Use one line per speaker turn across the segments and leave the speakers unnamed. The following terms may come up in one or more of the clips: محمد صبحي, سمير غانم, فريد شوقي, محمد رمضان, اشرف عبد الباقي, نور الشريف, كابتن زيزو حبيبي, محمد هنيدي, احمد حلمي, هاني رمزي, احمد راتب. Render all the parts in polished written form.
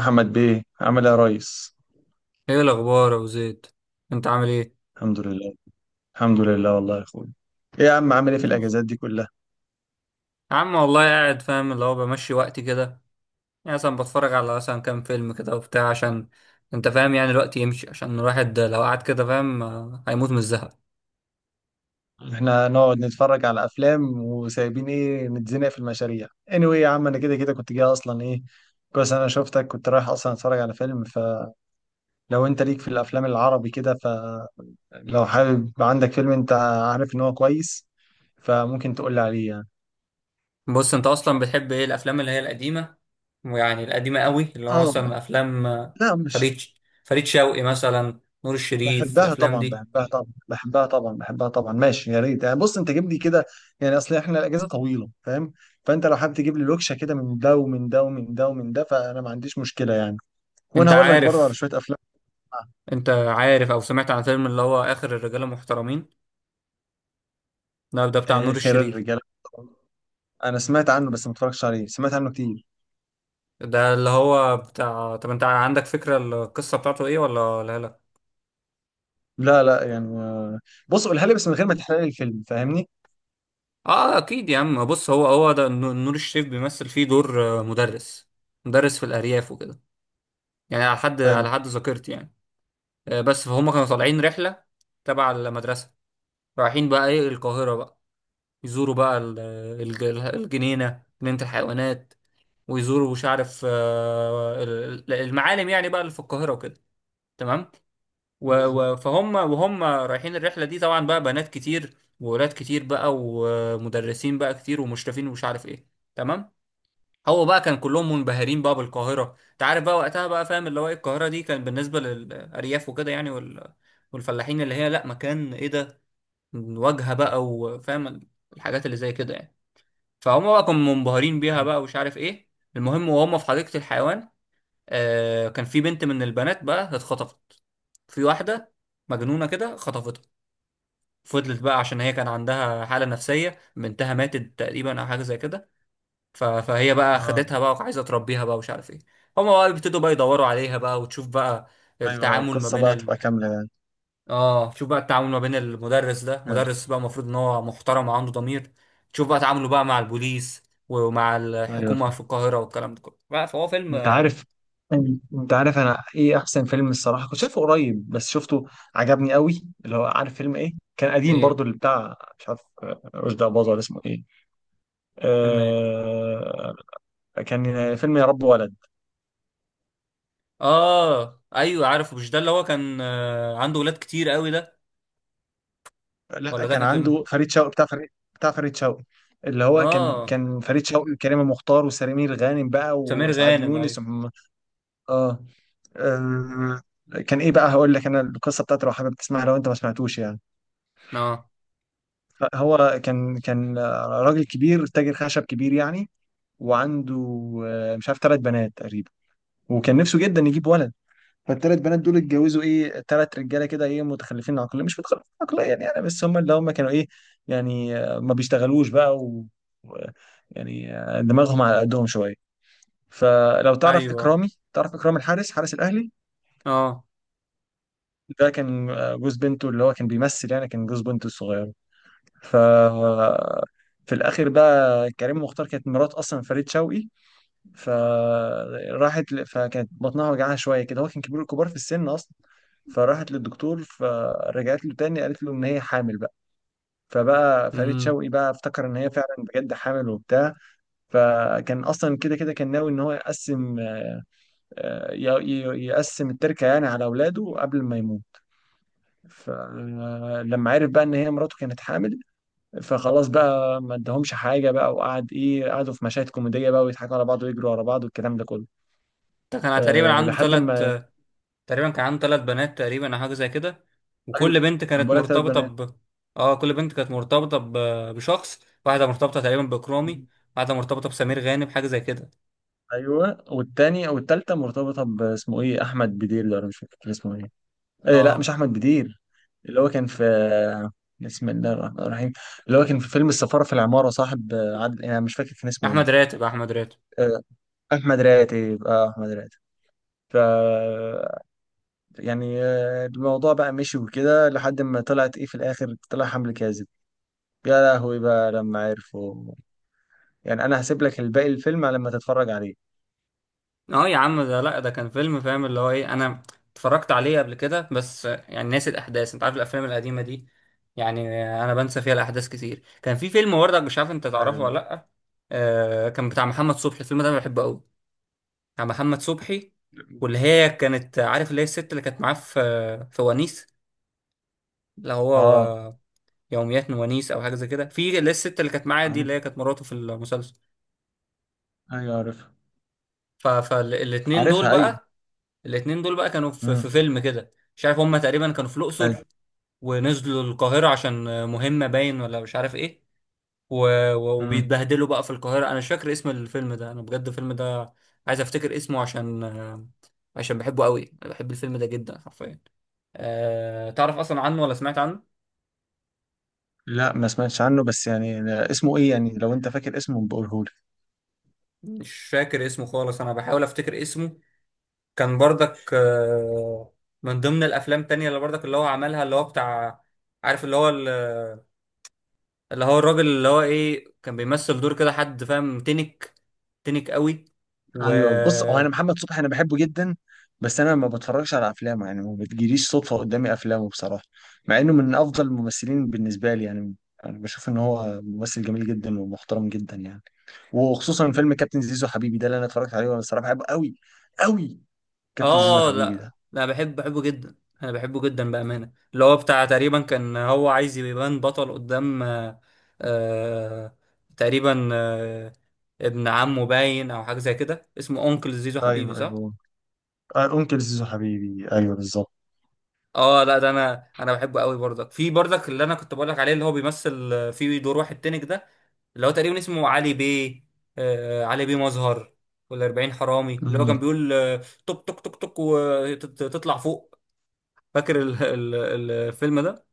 محمد بيه عامل ايه يا ريس؟
ايه الاخبار يا ابو زيد؟ انت عامل ايه؟
الحمد لله. الحمد لله والله يا اخويا. ايه يا عم عامل ايه في
لول.
الاجازات دي كلها؟
يا عم والله قاعد فاهم اللي هو بمشي وقتي كده. يعني مثلا بتفرج على مثلا كام فيلم كده وبتاع، عشان انت فاهم يعني الوقت يمشي، عشان الواحد لو قعد كده فاهم هيموت من الزهق.
احنا نقعد نتفرج على افلام وسايبين ايه نتزنق في المشاريع. anyway يا عم انا كده كده كنت جاي اصلا ايه. كويس انا شفتك. كنت رايح اصلا اتفرج على فيلم فلو. انت ليك في الافلام العربي كده فلو. حابب عندك فيلم انت عارف ان هو كويس، فممكن تقول لي عليه يعني.
بص، انت اصلا بتحب ايه؟ الافلام اللي هي القديمه، ويعني القديمه قوي اللي هو
اه،
مثلا افلام
لا مش،
فريد شوقي مثلا، نور الشريف،
بحبها
الافلام
طبعا،
دي.
بحبها طبعا، بحبها طبعا، بحبها طبعا. ماشي، يا ريت يعني. بص انت جيب لي كده يعني. اصل احنا الاجازه طويله فاهم، فانت لو حابب تجيب لي لوكشه كده من ده ومن ده ومن ده ومن ده، فانا ما عنديش مشكله يعني. وانا
انت
هقول لك برضه على
عارف،
شويه افلام.
انت عارف او سمعت عن فيلم اللي هو اخر الرجاله المحترمين؟ ده ده بتاع نور
خير
الشريف.
الرجال. انا سمعت عنه بس ما اتفرجتش عليه، سمعت عنه كتير.
ده اللي هو بتاع، طب انت عندك فكرة القصة بتاعته ايه ولا لا لا؟
لا لا يعني بص قولها لي بس من غير ما تحرق لي الفيلم فاهمني.
اه اكيد يا عم. بص، هو هو ده نور الشريف بيمثل فيه دور مدرس، مدرس في الارياف وكده، يعني على حد
حلو.
على حد ذاكرتي يعني. بس فهم كانوا طالعين رحلة تبع المدرسة، رايحين بقى ايه القاهرة بقى، يزوروا بقى الجنينة، جنينة الحيوانات، ويزوروا مش عارف المعالم يعني بقى اللي في القاهرة وكده، تمام.
بالظبط.
فهم وهم رايحين الرحلة دي طبعا بقى بنات كتير وولاد كتير بقى، ومدرسين بقى كتير ومشرفين ومش عارف ايه، تمام. هو بقى كان كلهم منبهرين بقى بالقاهرة، انت عارف بقى وقتها بقى فاهم اللي هو ايه القاهرة دي، كان بالنسبة للأرياف وكده يعني، والفلاحين اللي هي لا، مكان ايه ده؟ واجهة بقى وفاهم الحاجات اللي زي كده يعني. فهم بقى كانوا منبهرين بيها بقى ومش عارف ايه. المهم وهم في حديقة الحيوان آه، كان في بنت من البنات بقى اتخطفت، في واحدة مجنونة كده خطفتها. فضلت بقى، عشان هي كان عندها حالة نفسية، بنتها ماتت تقريبا أو حاجة زي كده، فهي بقى
اه
خدتها بقى وعايزة تربيها بقى ومش عارف ايه. هما بقى بيبتدوا بقى يدوروا عليها بقى، وتشوف بقى
ايوه ايوه،
التعامل ما
القصه
بين
بقى تبقى كامله يعني.
اه، شوف بقى التعامل ما بين المدرس ده،
حلو.
مدرس بقى المفروض ان هو محترم وعنده ضمير، تشوف بقى تعامله بقى مع البوليس ومع
ايوه.
الحكومة في القاهرة والكلام ده كله، بقى فهو فيلم.
انت عارف، انت عارف انا ايه احسن فيلم؟ الصراحه كنت شايفه قريب، بس شفته عجبني قوي. اللي هو عارف فيلم ايه؟ كان قديم
ايه،
برضو، اللي بتاع مش عارف رشدي اباظه ولا اسمه ايه.
فيلم ايه؟
آه. كان فيلم يا رب ولد.
اه ايوه عارفه. مش ده اللي هو كان عنده ولاد كتير قوي ده؟
لا
ولا ده
كان
كان فيلم؟
عنده فريد شوقي، بتاع فريد، بتاع فريد شوقي. اللي هو كان
اه
فريد شوقي وكريمه مختار وسمير غانم بقى
سمير
واسعاد
غانم،
يونس
ايوه.
ومحمد-. اه. آه، كان ايه بقى؟ هقول لك انا القصه بتاعته لو حابب تسمعها، لو انت ما سمعتوش يعني.
اه
فهو كان راجل كبير، تاجر خشب كبير يعني. وعنده مش عارف 3 بنات تقريبا. وكان نفسه جدا يجيب ولد. فالثلاث بنات دول اتجوزوا ايه 3 رجاله كده، ايه متخلفين عقليا مش متخلفين عقليا يعني، بس هم اللي هم كانوا ايه يعني، ما بيشتغلوش بقى و- يعني دماغهم على قدهم شويه. فلو تعرف
ايوه.
اكرامي، تعرف اكرام الحارس، حارس الاهلي،
اه.
ده كان جوز بنته. اللي هو كان بيمثل يعني، كان جوز بنته الصغير. ف في الاخر بقى، كريم مختار كانت مرات اصلا فريد شوقي. فكانت بطنها وجعها شويه كده، هو كان كبير، كبار في السن اصلا. فراحت للدكتور، فرجعت له تاني قالت له ان هي حامل بقى. فبقى فريد
امم
شوقي بقى افتكر ان هي فعلا بجد حامل وبتاع. فكان اصلا كده كده كان ناوي ان هو يقسم يقسم التركه يعني على اولاده قبل ما يموت. فلما عرف بقى ان هي مراته كانت حامل، فخلاص بقى ما ادهمش حاجه بقى. وقعد ايه، قعدوا في مشاهد كوميديه بقى، ويضحكوا على بعض ويجروا على بعض والكلام ده كله.
ده كان تقريبا
أه
عنده
لحد
ثلاث،
ما.
تقريبا كان عنده ثلاث بنات تقريبا او حاجه زي كده، وكل
ايوه
بنت
انا
كانت
بقول لك ثلاث
مرتبطه
بنات
ب، اه كل بنت كانت مرتبطه ب... بشخص. واحده مرتبطه تقريبا بكرامي، واحده مرتبطه بسمير غانم حاجه زي كده.
ايوه، والتاني والتالتة مرتبطه باسمه ايه احمد بدير، ده ولا مش فاكر اسمه ايه. أه لا
اه،
مش احمد بدير، اللي هو كان في، بسم الله الرحمن الرحيم، اللي هو كان في فيلم السفاره في العماره، صاحب عادل، انا مش فاكر كان اسمه ايه.
احمد راتب، احمد راتب.
أه احمد راتب، اه احمد راتب. ف يعني الموضوع بقى مشي وكده، لحد ما طلعت ايه في الاخر طلع حمل كاذب. يا لهوي بقى لما عرفوا. يعني انا هسيب لك الباقي الفيلم لما تتفرج عليه.
اه يا عم، ده لا ده كان فيلم فاهم اللي هو ايه، انا اتفرجت عليه قبل كده، بس يعني ناسي الاحداث، انت عارف الافلام القديمه دي يعني، انا بنسى فيها الاحداث كتير. كان في فيلم وردك، مش عارف انت تعرفه
أيوة.
ولا لا؟ آه كان بتاع محمد صبحي، الفيلم ده انا بحبه قوي، بتاع محمد صبحي، واللي هي كانت عارف اللي هي الست اللي كانت معاه في في ونيس، اللي هو،
اه.
و- يوميات ونيس او حاجه زي كده، في اللي هي الست اللي كانت معاه دي،
عارف.
اللي هي كانت مراته في المسلسل.
ايوه عارفها.
فالاتنين دول
عارفها ايوه.
بقى، الاتنين دول بقى كانوا في، في
امم.
فيلم كده مش عارف، هما تقريبا كانوا في
ايوه.
الأقصر ونزلوا القاهرة عشان مهمة باين ولا مش عارف ايه، و...
امم.
وبيتبهدلوا بقى في القاهرة. انا مش فاكر اسم الفيلم ده، انا بجد الفيلم ده عايز افتكر اسمه عشان عشان بحبه قوي، انا بحب الفيلم ده جدا حرفيا. تعرف اصلا عنه ولا سمعت عنه؟
لا ما سمعتش عنه، بس يعني اسمه ايه يعني؟ لو انت فاكر اسمه بقوله.
مش فاكر اسمه خالص، انا بحاول افتكر اسمه، كان برضك من ضمن الافلام التانية اللي برضك اللي هو عملها، اللي هو بتاع، عارف اللي هو، اللي هو الراجل اللي هو ايه، كان بيمثل دور كده حد فاهم تنك، تنك قوي. و،
ايوه بص، هو انا محمد صبحي انا بحبه جدا، بس انا ما بتفرجش على افلامه يعني، ما بتجيليش صدفه قدامي افلامه بصراحه، مع انه من افضل الممثلين بالنسبه لي يعني. انا بشوف ان هو ممثل جميل جدا ومحترم جدا يعني. وخصوصا فيلم كابتن زيزو حبيبي ده اللي انا اتفرجت عليه، وانا بصراحه بحبه قوي قوي، كابتن زيزو
اه
حبيبي
لا
ده.
لا، بحب بحبه جدا، انا بحبه جدا بأمانة، اللي هو بتاع تقريبا كان هو عايز يبان بطل قدام آه... تقريبا ابن عمه باين او حاجة زي كده، اسمه اونكل زيزو حبيبي،
ايوه
صح.
ايوه، انكل زيزو حبيبي، ايوه بالظبط.
اه لا ده، انا بحبه قوي برضك، في برضك اللي انا كنت بقولك عليه، اللي هو بيمثل في دور واحد تنك ده، اللي هو تقريبا اسمه علي بيه، آه علي بيه مظهر والأربعين حرامي، اللي هو كان
مم.
بيقول توك توك توك توك وتطلع فوق. فاكر الفيلم ده؟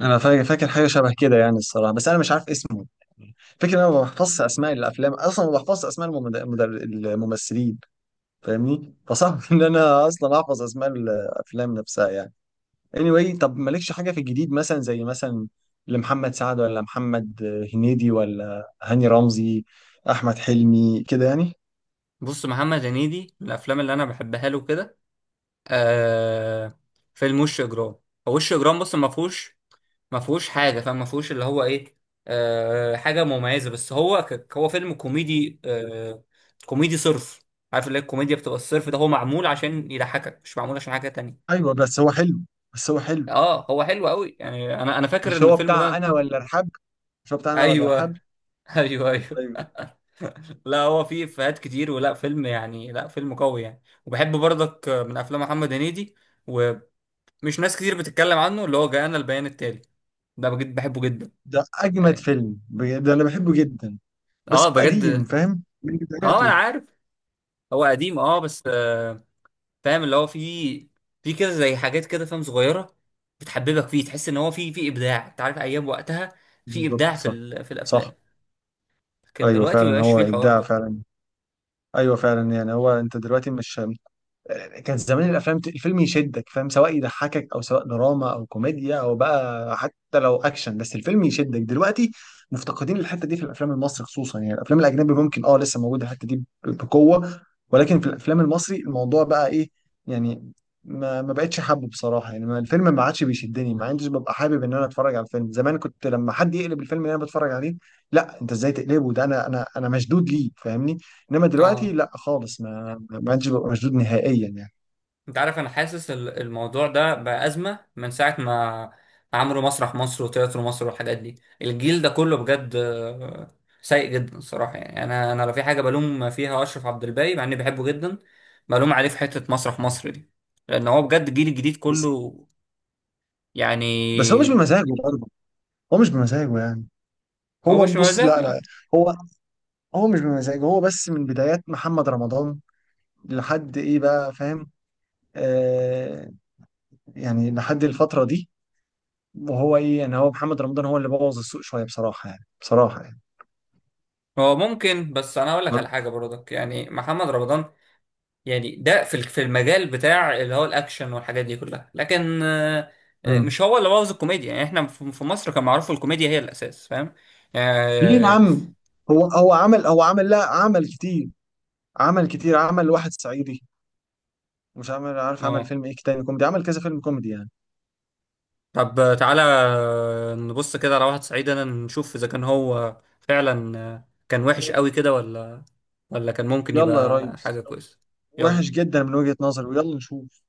انا فاكر، فاكر حاجه شبه كده يعني الصراحه، بس انا مش عارف اسمه. فكرة إن انا ما بحفظش اسماء الافلام اصلا، ما بحفظش اسماء الممثلين فاهمني، فصعب ان انا اصلا احفظ اسماء الافلام نفسها يعني. anyway طب مالكش حاجه في الجديد مثلا، زي مثلا لمحمد سعد، ولا محمد هنيدي، ولا هاني رمزي، احمد حلمي كده يعني.
بص، محمد هنيدي من الافلام اللي انا بحبها له كده آه، فيلم وش اجرام. هو وش اجرام، بص ما فيهوش، حاجه، فما فيهوش اللي هو ايه، آه حاجه مميزه، بس هو هو فيلم كوميدي آه، كوميدي صرف، عارف اللي هي الكوميديا بتبقى الصرف، ده هو معمول عشان يضحكك مش معمول عشان حاجه تانية.
ايوه بس هو حلو، بس هو حلو.
اه هو حلو قوي يعني، انا فاكر
مش
ان
هو
الفيلم
بتاع
ده
انا ولا ارحاب؟ مش هو بتاع انا ولا ارحاب؟
ايوه ايوه ايوه.
ايوه.
لا هو فيه افيهات كتير، ولا فيلم يعني، لا فيلم قوي يعني، وبحب برضك من افلام محمد هنيدي ومش، ناس كتير بتتكلم عنه، اللي هو جاءنا البيان التالي، ده بجد بحبه جدا
ده اجمد
يعني.
فيلم بجد، ده انا بحبه جدا. بس
اه
هو قديم
بجد،
فاهم، من
اه انا
بداياته.
عارف، هو قديم اه، بس آه، فاهم اللي هو فيه، فيه كده زي حاجات كده فاهم، صغيرة بتحببك فيه، تحس ان هو فيه ابداع، انت عارف ايام وقتها فيه
بالظبط
ابداع في
صح،
في
صح.
الافلام، كان
ايوه
دلوقتي
فعلا،
مبقاش
هو
فيه الحوار
ابداع
ده.
فعلا. ايوه فعلا يعني، هو انت دلوقتي مش، كان زمان الافلام الفيلم يشدك فاهم، سواء يضحكك او سواء دراما او كوميديا او بقى حتى لو اكشن، بس الفيلم يشدك. دلوقتي مفتقدين الحته دي في الافلام المصري خصوصا يعني. الافلام الاجنبي ممكن اه لسه موجوده الحته دي بقوه، ولكن في الافلام المصري الموضوع بقى ايه يعني، ما بقتش حابه بصراحه يعني. ما- الفيلم ما عادش بيشدني، ما عنديش ببقى حابب ان انا اتفرج على الفيلم. زمان كنت لما حد يقلب الفيلم اللي انا بتفرج عليه، لا انت ازاي تقلبه ده؟ انا مشدود ليه فاهمني. انما دلوقتي
اه،
لا خالص، ما عادش ببقى مشدود نهائيا يعني.
انت عارف انا حاسس الموضوع ده بقى ازمه من ساعه ما عملوا مسرح مصر وتياترو مصر والحاجات دي، الجيل ده كله بجد سيء جدا الصراحه يعني. انا لو في حاجه بلوم فيها اشرف عبد الباقي مع اني بحبه جدا، بلوم عليه في حته مسرح مصر دي، لان هو بجد الجيل الجديد
بس،
كله
بس هو مش
يعني.
بمزاجه برضه. هو مش بمزاجه يعني.
هو
هو
مش
بص
مزاج
لا لا،
يعني.
هو هو مش بمزاجه. هو بس من بدايات محمد رمضان لحد ايه بقى فاهم، آه، يعني لحد الفترة دي. وهو ايه يعني، هو محمد رمضان هو اللي بوظ السوق شوية بصراحة يعني، بصراحة يعني.
هو ممكن، بس انا اقول لك على حاجه برضك، يعني محمد رمضان يعني ده في المجال بتاع اللي هو الاكشن والحاجات دي كلها، لكن
مم.
مش هو اللي بوظ الكوميديا، يعني احنا في مصر كان معروف الكوميديا هي الاساس فاهم
ليه يا
يعني.
عم؟ هو عمل، هو عمل، لا عمل كتير، عمل كتير. عمل واحد صعيدي، مش عمل، عارف عمل
اه،
فيلم ايه تاني كوميدي؟ عمل كذا فيلم كوميدي يعني.
طب تعالى نبص كده على واحد صعيدي انا، نشوف اذا كان هو فعلا كان وحش قوي كده، ولا كان ممكن
يلا يا
يبقى
ريس،
حاجة كويسة.
وحش
يلا،
جدا من وجهة نظري، ويلا نشوف.